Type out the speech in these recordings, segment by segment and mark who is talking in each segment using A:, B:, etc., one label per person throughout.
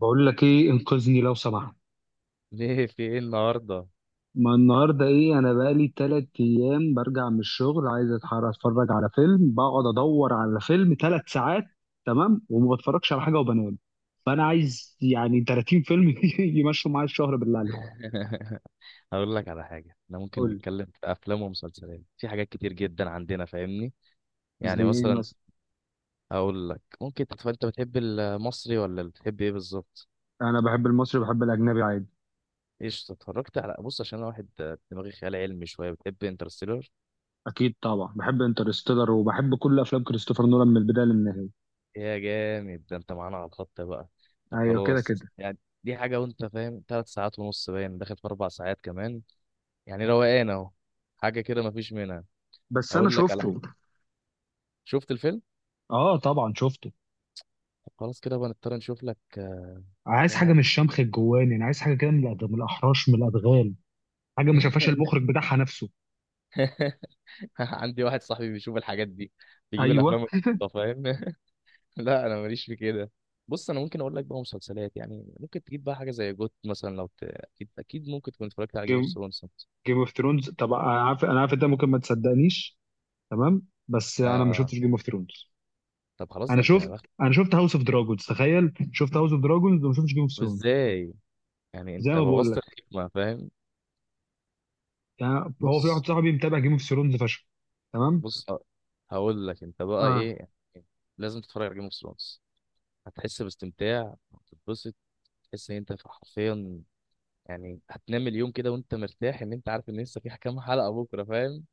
A: بقول لك ايه انقذني لو سمحت.
B: ليه في ايه النهارده؟
A: ما النهارده ايه؟ انا بقالي 3 ايام برجع من الشغل، عايز اتحرك، اتفرج على فيلم. بقعد ادور على فيلم 3 ساعات تمام، وما بتفرجش على حاجه وبنام. فانا عايز 30 فيلم يمشوا معايا الشهر، بالله عليك.
B: هقول لك على حاجه، احنا ممكن
A: قول لي.
B: نتكلم في افلام ومسلسلات، في حاجات كتير جدا عندنا فاهمني.
A: زي
B: يعني
A: ايه
B: مثلا
A: مثلا؟
B: اقول لك ممكن انت بتحب المصري ولا بتحب ايه بالظبط؟
A: انا بحب المصري، بحب الاجنبي عادي.
B: ايش اتفرجت على بص، عشان انا واحد دماغي خيال علمي شويه، بتحب انترستيلر؟
A: اكيد طبعا بحب انترستيلر، وبحب كل افلام كريستوفر نولان من البدايه للنهايه.
B: يا جامد، ده انت معانا على الخط بقى. طب
A: ايوه، كده
B: خلاص
A: كده.
B: يعني، دي حاجه، وانت فاهم، ثلاث ساعات ونص باين داخل في اربع ساعات كمان، يعني روقان اهو، حاجه كده مفيش منها.
A: بس انا
B: اقول لك على حاجه،
A: شفته.
B: شفت الفيلم.
A: اه، طبعا شفته.
B: طب خلاص كده بقى نضطر نشوف لك.
A: عايز حاجه
B: بقى.
A: من الشمخ الجواني، انا عايز حاجه كده من من الاحراش من الادغال. حاجه ما شافهاش المخرج بتاعها نفسه.
B: عندي واحد صاحبي بيشوف الحاجات دي، بيجيب
A: ايوه.
B: الافلام العبيطة، فاهم؟ لا انا ماليش في كده. بص انا ممكن اقول لك بقى مسلسلات، يعني ممكن تجيب بقى حاجه زي جوت مثلا، لو اكيد اكيد ممكن تكون اتفرجت على جيم اوف
A: جيم
B: ثرونز.
A: جيم اوف ثرونز، طب انا عارف انت ممكن ما تصدقنيش. تمام. بس انا ما شفتش
B: آه
A: جيم اوف ثرونز.
B: طب خلاص،
A: انا
B: ده انت يا
A: شفت
B: بخت.
A: انا شفت هاوس اوف دراجونز، تخيل شفت هاوس اوف دراجونز وما شفتش جيم اوف
B: طب
A: ثرونز.
B: ازاي يعني؟
A: زي
B: انت
A: ما بقول
B: بوظت
A: لك.
B: الحكمه فاهم.
A: هو في
B: بص،
A: واحد صاحبي متابع جيم اوف ثرونز فشخ. تمام.
B: بص ه- هقول لك انت بقى
A: اه.
B: ايه يعني، لازم تتفرج على جيم اوف ثرونز، هتحس باستمتاع، هتتبسط، تحس ان انت حرفيا يعني هتنام اليوم كده وانت مرتاح ان انت عارف ان لسه في كام حلقه بكره، فاهم؟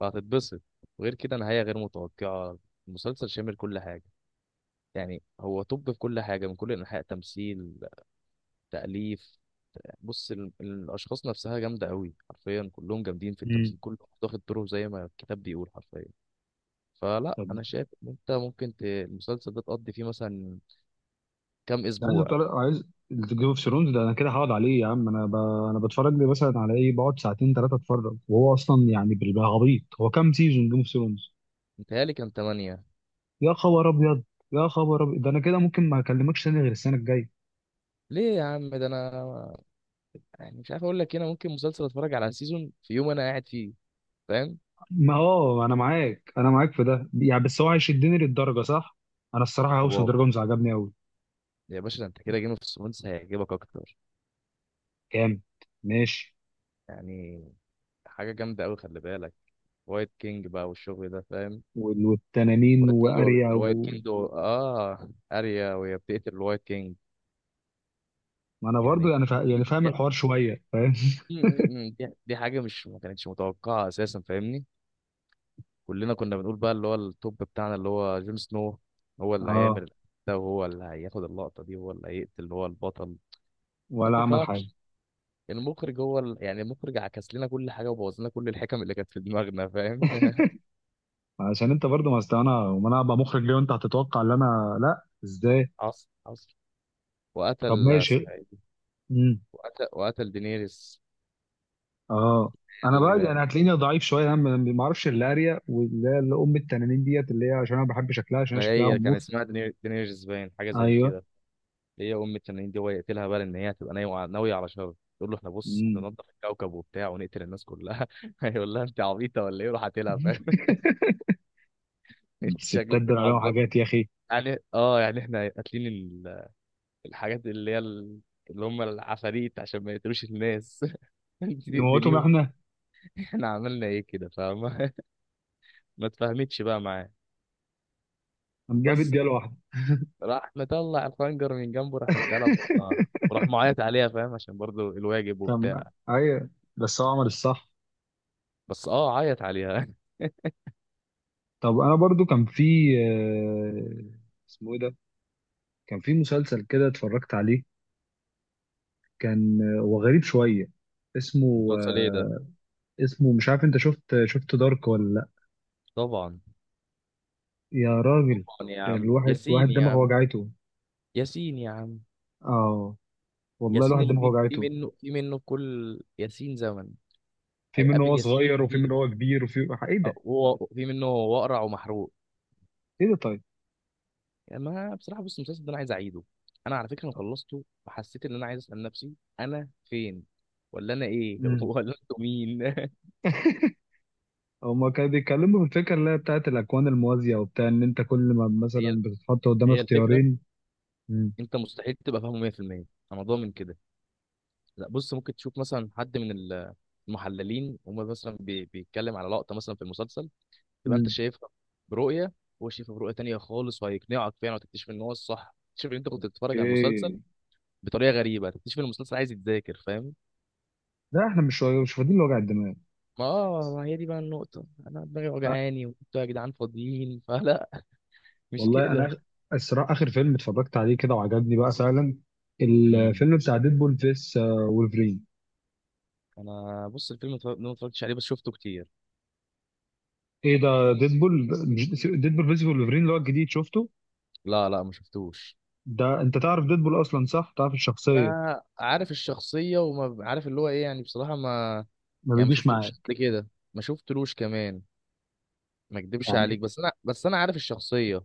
B: فهتتبسط، وغير كده نهايه غير متوقعه، المسلسل شامل كل حاجه، يعني هو طب في كل حاجه، من كل انحاء، تمثيل، تاليف، بص الاشخاص نفسها جامده قوي، حرفيا كلهم جامدين في
A: امم.
B: التمثيل، كله واخد دوره زي ما الكتاب بيقول حرفيا. فلا،
A: طب
B: انا شايف ان انت ممكن المسلسل ده تقضي فيه مثلا كام
A: ده عايز
B: اسبوع؟
A: طريق، عايز. جيم اوف ثرونز ده انا كده هقعد عليه يا عم، انا ب... انا بتفرج لي مثلا على ايه؟ بقعد ساعتين ثلاثه اتفرج، وهو اصلا بيبقى غبيط. هو كام سيزون جيم اوف ثرونز؟
B: متهيألي كان 8.
A: يا خبر ابيض. يا خبر ابيض، ده انا كده ممكن ما اكلمكش تاني غير السنه الجايه.
B: ليه يا عم؟ ده انا يعني مش عارف اقول لك، هنا ممكن مسلسل اتفرج على سيزون في يوم انا قاعد فيه، فاهم؟
A: ما انا معاك، انا معاك في ده، بس هو هيشدني للدرجه، صح؟ انا الصراحه هاوس اوف
B: واو،
A: دراجونز عجبني قوي.
B: يا باشا، ده انت كده جيم اوف ثرونز هيعجبك اكتر،
A: كام. ماشي.
B: يعني حاجه جامده قوي، خلي بالك. وايت كينج بقى والشغل ده فاهم.
A: والتنانين
B: وايت كينج، هو
A: واريا
B: الوايت
A: و...
B: كينج هو اه اريا، وهي بتقتل الوايت كينج.
A: ما انا برضو
B: يعني
A: يعني فا... يعني
B: دي
A: فاهم
B: دي,
A: الحوار شويه، فاهم.
B: م- م- م- دي, دي حاجه مش ما كانتش متوقعه اساسا فاهمني. كلنا كنا بنقول بقى اللي هو التوب بتاعنا اللي هو جون سنو، هو اللي
A: اه.
B: هيعمل ده، وهو اللي هياخد اللقطه دي، وهو اللي هيقتل اللي هو البطل. ما
A: ولا عمل حاجه.
B: تفهمش، المخرج هو يعني المخرج عكس لنا كل حاجه، وبوظ لنا كل الحكم اللي كانت في دماغنا، فاهم؟
A: عشان انت برضه، ما أصل انا، وما انا ابقى مخرج ليه وانت هتتوقع ان انا، لا ازاي؟
B: حصل حصل،
A: طب
B: وقتل
A: ماشي.
B: اسمها ايه،
A: امم.
B: وقتل دينيريس.
A: اه. انا بقى
B: ال-
A: هتلاقيني ضعيف شويه، انا ما اعرفش الاريا، واللي هي اللي ام التنانين ديت اللي هي، عشان انا بحب شكلها، عشان هي
B: ما
A: شكلها
B: هي كان
A: امور.
B: اسمها دينيريس باين، حاجه زي
A: ايوه.
B: كده، اللي هي ام التنانين دي، هو يقتلها بقى لان هي هتبقى ناويه ناويه على شر، يقول له احنا بص احنا
A: امم.
B: ننضف الكوكب وبتاع ونقتل الناس كلها. هيقول لها انت عبيطه ولا ايه، روح قاتلها، فاهم؟ انت
A: الستات
B: شكلك
A: دول عليهم
B: بتعبطي،
A: حاجات يا اخي.
B: يعني اه يعني احنا قاتلين الحاجات اللي هي اللي هم العفاريت عشان ما يقتلوش الناس. انت
A: نموتهم
B: تقتليهم،
A: احنا.
B: احنا عملنا ايه كده فما. ما تفهمتش بقى معاه
A: هنجيب
B: بس.
A: بيت واحده.
B: راح مطلع الخنجر من جنبه، راح مديها ببطنها، وراح معيط عليها، فاهم؟ عشان برضو الواجب
A: طب،
B: وبتاع،
A: ايوه. بس هو عمل الصح.
B: بس اه عيط عليها.
A: طب انا برضو كان في آه، اسمه ايه ده؟ كان في مسلسل كده اتفرجت عليه، كان هو غريب شويه، اسمه
B: المسلسل ايه ده؟
A: اسمه مش عارف. انت شفت، دارك ولا لا؟
B: طبعا،
A: يا راجل.
B: طبعا يا عم،
A: الواحد
B: ياسين
A: واحد
B: يا
A: دماغه
B: عم،
A: وجعته.
B: ياسين يا عم،
A: اه، والله
B: ياسين
A: الواحد
B: اللي
A: دماغه
B: فيه، في
A: وجعته.
B: منه، في منه كل ياسين زمن،
A: في منه
B: هيقابل
A: هو
B: ياسين
A: صغير وفي منه
B: كتير.
A: هو كبير وفي... ايه ده.
B: وهو في منه هو اقرع ومحروق.
A: ايه ده طيب.
B: يعني ما بصراحه، بص المسلسل ده انا عايز اعيده، انا على فكره انا خلصته وحسيت ان انا عايز اسال نفسي، انا فين ولا انا ايه،
A: امم.
B: ولا انتوا مين.
A: هما كانوا بيتكلموا في الفكره اللي هي بتاعت الاكوان الموازيه، وبتاع ان انت كل ما
B: هي،
A: مثلا بتتحط قدام
B: هي الفكره.
A: اختيارين. امم.
B: انت مستحيل تبقى فاهمه 100%، انا ضامن كده. لا بص، ممكن تشوف مثلا حد من المحللين، وما مثلا بيتكلم على لقطه مثلا في المسلسل، تبقى انت
A: امم.
B: شايفها برؤيه، وهو شايفها برؤيه تانية خالص، وهيقنعك فعلا، وتكتشف ان هو الصح، تكتشف ان انت كنت بتتفرج على
A: اوكي.
B: المسلسل بطريقه غريبه، تكتشف ان المسلسل عايز يتذاكر، فاهم؟
A: لا احنا مش فاضيين لوجع الدماغ.
B: ما هي دي بقى النقطة، أنا دماغي وجعاني وأنتوا يا جدعان فاضيين. فلا، مش
A: والله انا
B: كده.
A: الصراحه اخر فيلم اتفرجت عليه كده وعجبني بقى فعلا،
B: امم،
A: الفيلم بتاع ديدبول فيس وولفرين.
B: أنا بص الفيلم ما اتفرجتش عليه بس شفته كتير.
A: ايه ده؟ ديدبول. ديدبول فيس وولفرين اللي هو الجديد شفته.
B: لا لا ما شفتوش.
A: ده انت تعرف ديدبول اصلا، صح؟ تعرف الشخصيه.
B: أنا عارف الشخصية، عارف اللي هو إيه، يعني بصراحة ما،
A: ما
B: يعني ما
A: بيجيش
B: شفتلوش
A: معاك.
B: قبل كده، ما شفتلوش كمان، ما أكدبش عليك،
A: يعني
B: بس أنا عارف الشخصية.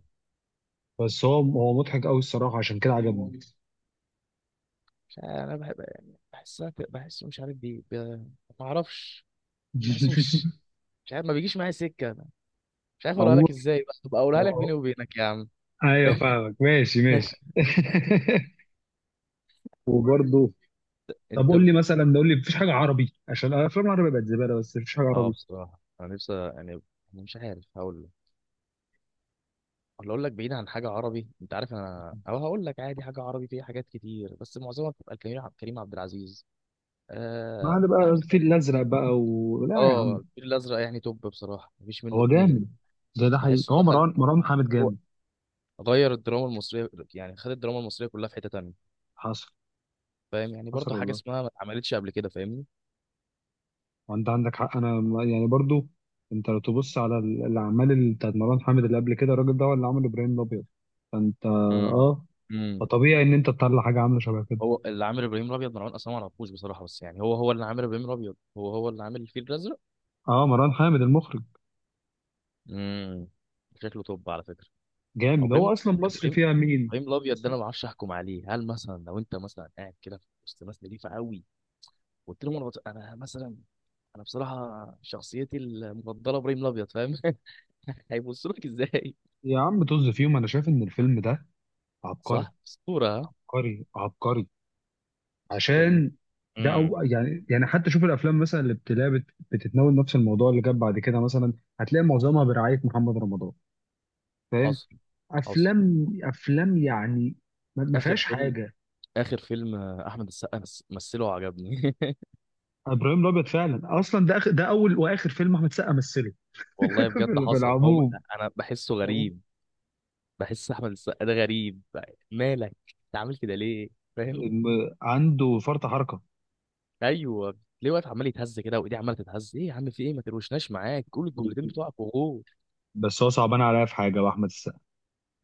A: بس هو مضحك قوي الصراحه، عشان كده عجبني.
B: مش عارف، أنا بحب يعني بحسها، بحسه مش عارف بيه ما أعرفش، بحسه مش، مش عارف، ما بيجيش معايا سكة، مش عارف أقولها
A: عموما،
B: لك إزاي بقى، تبقى
A: آه،
B: أقولها لك بيني
A: آه.
B: وبينك يا عم.
A: ايوه فاهمك، ماشي ماشي. وبرضه، طب
B: انت
A: قول
B: بت...
A: لي مثلا، ده قول لي، مفيش حاجه عربي؟ عشان الافلام العربي بقت زباله، بس مفيش حاجه
B: اه
A: عربي؟
B: بصراحه انا نفسي يعني، أنا مش عارف هقول لك ولا اقول لك، بعيد عن حاجه عربي، انت عارف انا، او هقول لك عادي، حاجه عربي فيها حاجات كتير بس معظمها بتبقى الكريم عبد، كريم عبد العزيز،
A: ما عاد بقى
B: احمد
A: الفيل
B: عيد.
A: الازرق بقى و... لا يا
B: اه
A: عم.
B: الفيل الازرق يعني توب، بصراحه مفيش منه
A: هو
B: اتنين.
A: جامد. ده حقيقي،
B: بحسه
A: هو
B: دخل
A: مروان محمد
B: هو،
A: جامد.
B: غير الدراما المصريه، يعني خد الدراما المصريه كلها في حته تانيه،
A: حصل،
B: فاهم يعني؟
A: حصل،
B: برضه حاجه
A: والله.
B: اسمها ما اتعملتش قبل كده فاهمني.
A: وانت عندك حق، انا برضو. انت لو تبص على الاعمال بتاعت مروان محمد اللي قبل كده، الراجل ده هو اللي عمل ابراهيم الابيض. فانت
B: امم،
A: اه،
B: امم،
A: فطبيعي ان انت تطلع حاجه عامله شبه كده.
B: هو اللي عامل ابراهيم الابيض مروان، اصلا ما اعرفوش بصراحه، بس يعني هو هو اللي عامل ابراهيم الابيض، هو هو اللي عامل الفيل الازرق.
A: اه، مروان حامد المخرج
B: امم، شكله توب على فكره. أو
A: جامد،
B: ابراهيم،
A: هو اصلا مصر
B: ابراهيم،
A: فيها مين؟
B: ابراهيم الابيض، ده
A: مصر.
B: انا ما اعرفش احكم عليه، هل مثلا لو انت مثلا قاعد كده في وسط ناس نضيفه قوي، قلت لهم انا انا مثلا انا بصراحه شخصيتي المفضله ابراهيم الابيض، فاهم؟ هيبصوا لك ازاي.
A: يا عم طز فيهم، انا شايف ان الفيلم ده عبقري،
B: صح، اسطوره ها،
A: عبقري عبقري.
B: اسطوره بنت.
A: عشان ده
B: امم،
A: او، يعني حتى شوف الافلام مثلا اللي بتلاقي بتتناول نفس الموضوع اللي جاب بعد كده مثلا، هتلاقي معظمها برعايه محمد رمضان، فاهم؟
B: حصل حصل.
A: افلام، افلام يعني ما
B: اخر
A: فيهاش
B: فيلم،
A: حاجه.
B: اخر فيلم احمد السقا مثله عجبني.
A: ابراهيم الابيض فعلا، اصلا ده ده اول واخر فيلم احمد سقا مثله.
B: والله بجد
A: في
B: حصل،
A: العموم،
B: انا بحسه
A: فاهم؟
B: غريب، بحس احمد السقا ده غريب، مالك، انت عامل كده ليه، فاهم؟
A: عنده فرط حركه.
B: ايوه ليه واقف عمال يتهز كده، وايديه عماله تتهز، ايه يا عم في ايه، ما تروشناش معاك، قول الجملتين بتوعك وغور.
A: بس هو صعبان عليا في حاجه، واحمد السقا،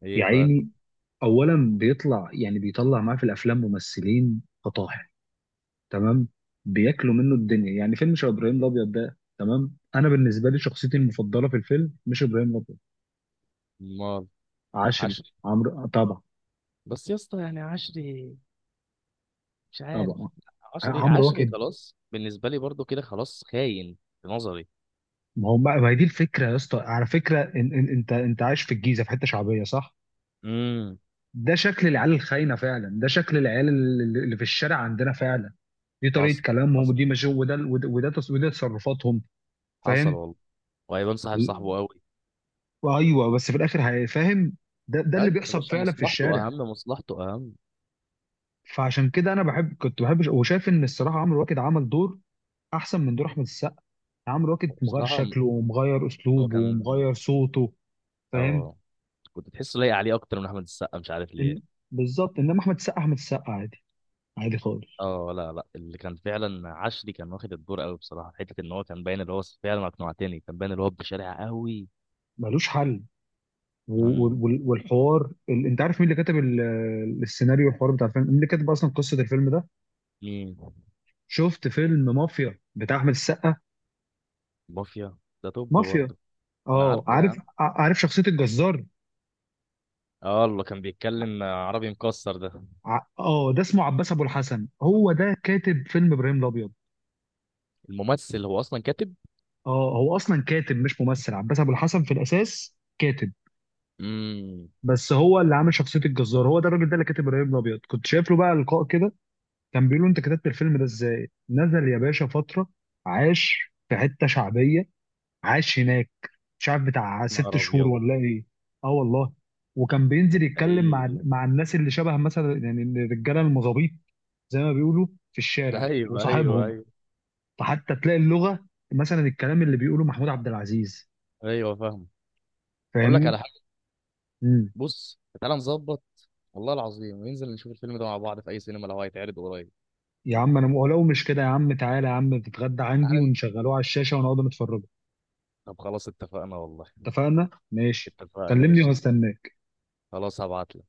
B: ايه
A: يا
B: بقى؟
A: عيني. اولا بيطلع، بيطلع معاه في الافلام ممثلين فطاحل، تمام، بياكلوا منه الدنيا، يعني فيلم شبه ابراهيم الابيض ده تمام، انا بالنسبه لي شخصيتي المفضله في الفيلم مش ابراهيم الابيض،
B: امال؟
A: عشري،
B: عشري.
A: عمرو طبعا،
B: بس يا اسطى يعني عشري، مش عارف،
A: طبعا.
B: عشري
A: عمرو
B: عشري
A: واكد.
B: خلاص، بالنسبه لي برضو كده خلاص، خاين في نظري.
A: ما هو ما هي دي الفكره يا اسطى، على فكره، إن انت عايش في الجيزه في حته شعبيه، صح؟
B: امم،
A: ده شكل العيال الخاينه فعلا، ده شكل العيال اللي في الشارع عندنا فعلا. دي طريقه
B: حصل
A: كلامهم،
B: حصل،
A: ودي مش، وده تصرفاتهم.
B: حصل
A: فاهم.
B: والله. وهيبان صاحب،
A: و-
B: صاحبه قوي.
A: وايوه، بس في الاخر فاهم. ده
B: اي
A: اللي
B: يا
A: بيحصل
B: باشا،
A: فعلا في
B: مصلحته
A: الشارع.
B: اهم، مصلحته اهم.
A: فعشان كده انا بحب، كنت بحب، وشايف ان الصراحه عمرو واكد عمل دور احسن من دور احمد السقا، يعني عمرو واكد مغير
B: بصراحه
A: شكله ومغير
B: هو
A: اسلوبه
B: كان،
A: ومغير صوته، فاهم؟
B: اه كنت تحسه لايق عليه اكتر من احمد السقا، مش عارف ليه.
A: إن بالظبط، انما احمد السقا، عادي، عادي خالص.
B: اه لا لا، اللي كان فعلا عشري، كان واخد الدور قوي بصراحه، في حته ان هو كان باين اللي هو فعلا اقنعتني، كان باين اللي هو بشارع قوي.
A: ملوش حل.
B: امم،
A: والحوار انت عارف مين اللي كتب السيناريو والحوار بتاع الفيلم؟ مين اللي كتب اصلا قصه الفيلم ده؟
B: مين؟
A: شفت فيلم مافيا بتاع احمد السقا؟
B: مافيا، ده توب
A: مافيا.
B: برضه. انا
A: اه
B: عارفه يا
A: عارف،
B: عم،
A: عارف شخصيه الجزار.
B: اه اللي كان بيتكلم عربي مكسر ده.
A: ده اسمه عباس ابو الحسن، هو ده كاتب فيلم ابراهيم الابيض.
B: الممثل هو اصلا كاتب؟
A: اه هو اصلا كاتب مش ممثل، عباس ابو الحسن في الاساس كاتب،
B: امم،
A: بس هو اللي عامل شخصيه الجزار، هو ده، الراجل ده اللي كاتب ابراهيم الابيض، كنت شايف له بقى لقاء كده. كان بيقول له انت كتبت الفيلم ده ازاي، نزل يا باشا فتره، عاش في حته شعبيه، عاش هناك، مش عارف بتاع
B: نهار
A: 6 شهور
B: ابيض،
A: ولا ايه. اه، والله. وكان
B: ده
A: بينزل يتكلم مع
B: تلاقيه.
A: الناس اللي شبه مثلا يعني الرجاله المظابيط، زي ما بيقولوا، في الشارع
B: ايوه ايوه
A: وصاحبهم.
B: ايوه،
A: فحتى تلاقي اللغه، مثلا الكلام اللي بيقوله محمود عبد العزيز،
B: ايوه فاهم. اقول لك
A: فاهمني.
B: على حاجه، بص تعالى نظبط، والله العظيم وننزل نشوف الفيلم ده مع بعض في اي سينما لو هيتعرض قريب.
A: يا عم انا ولو مش كده يا عم، تعالى يا عم تتغدى عندي،
B: تعال،
A: ونشغلوه على الشاشه ونقعد نتفرجوا.
B: طب خلاص اتفقنا والله،
A: اتفقنا، ماشي.
B: اتفقنا
A: كلمني
B: قشطة،
A: وهستناك.
B: خلاص هبعتلك.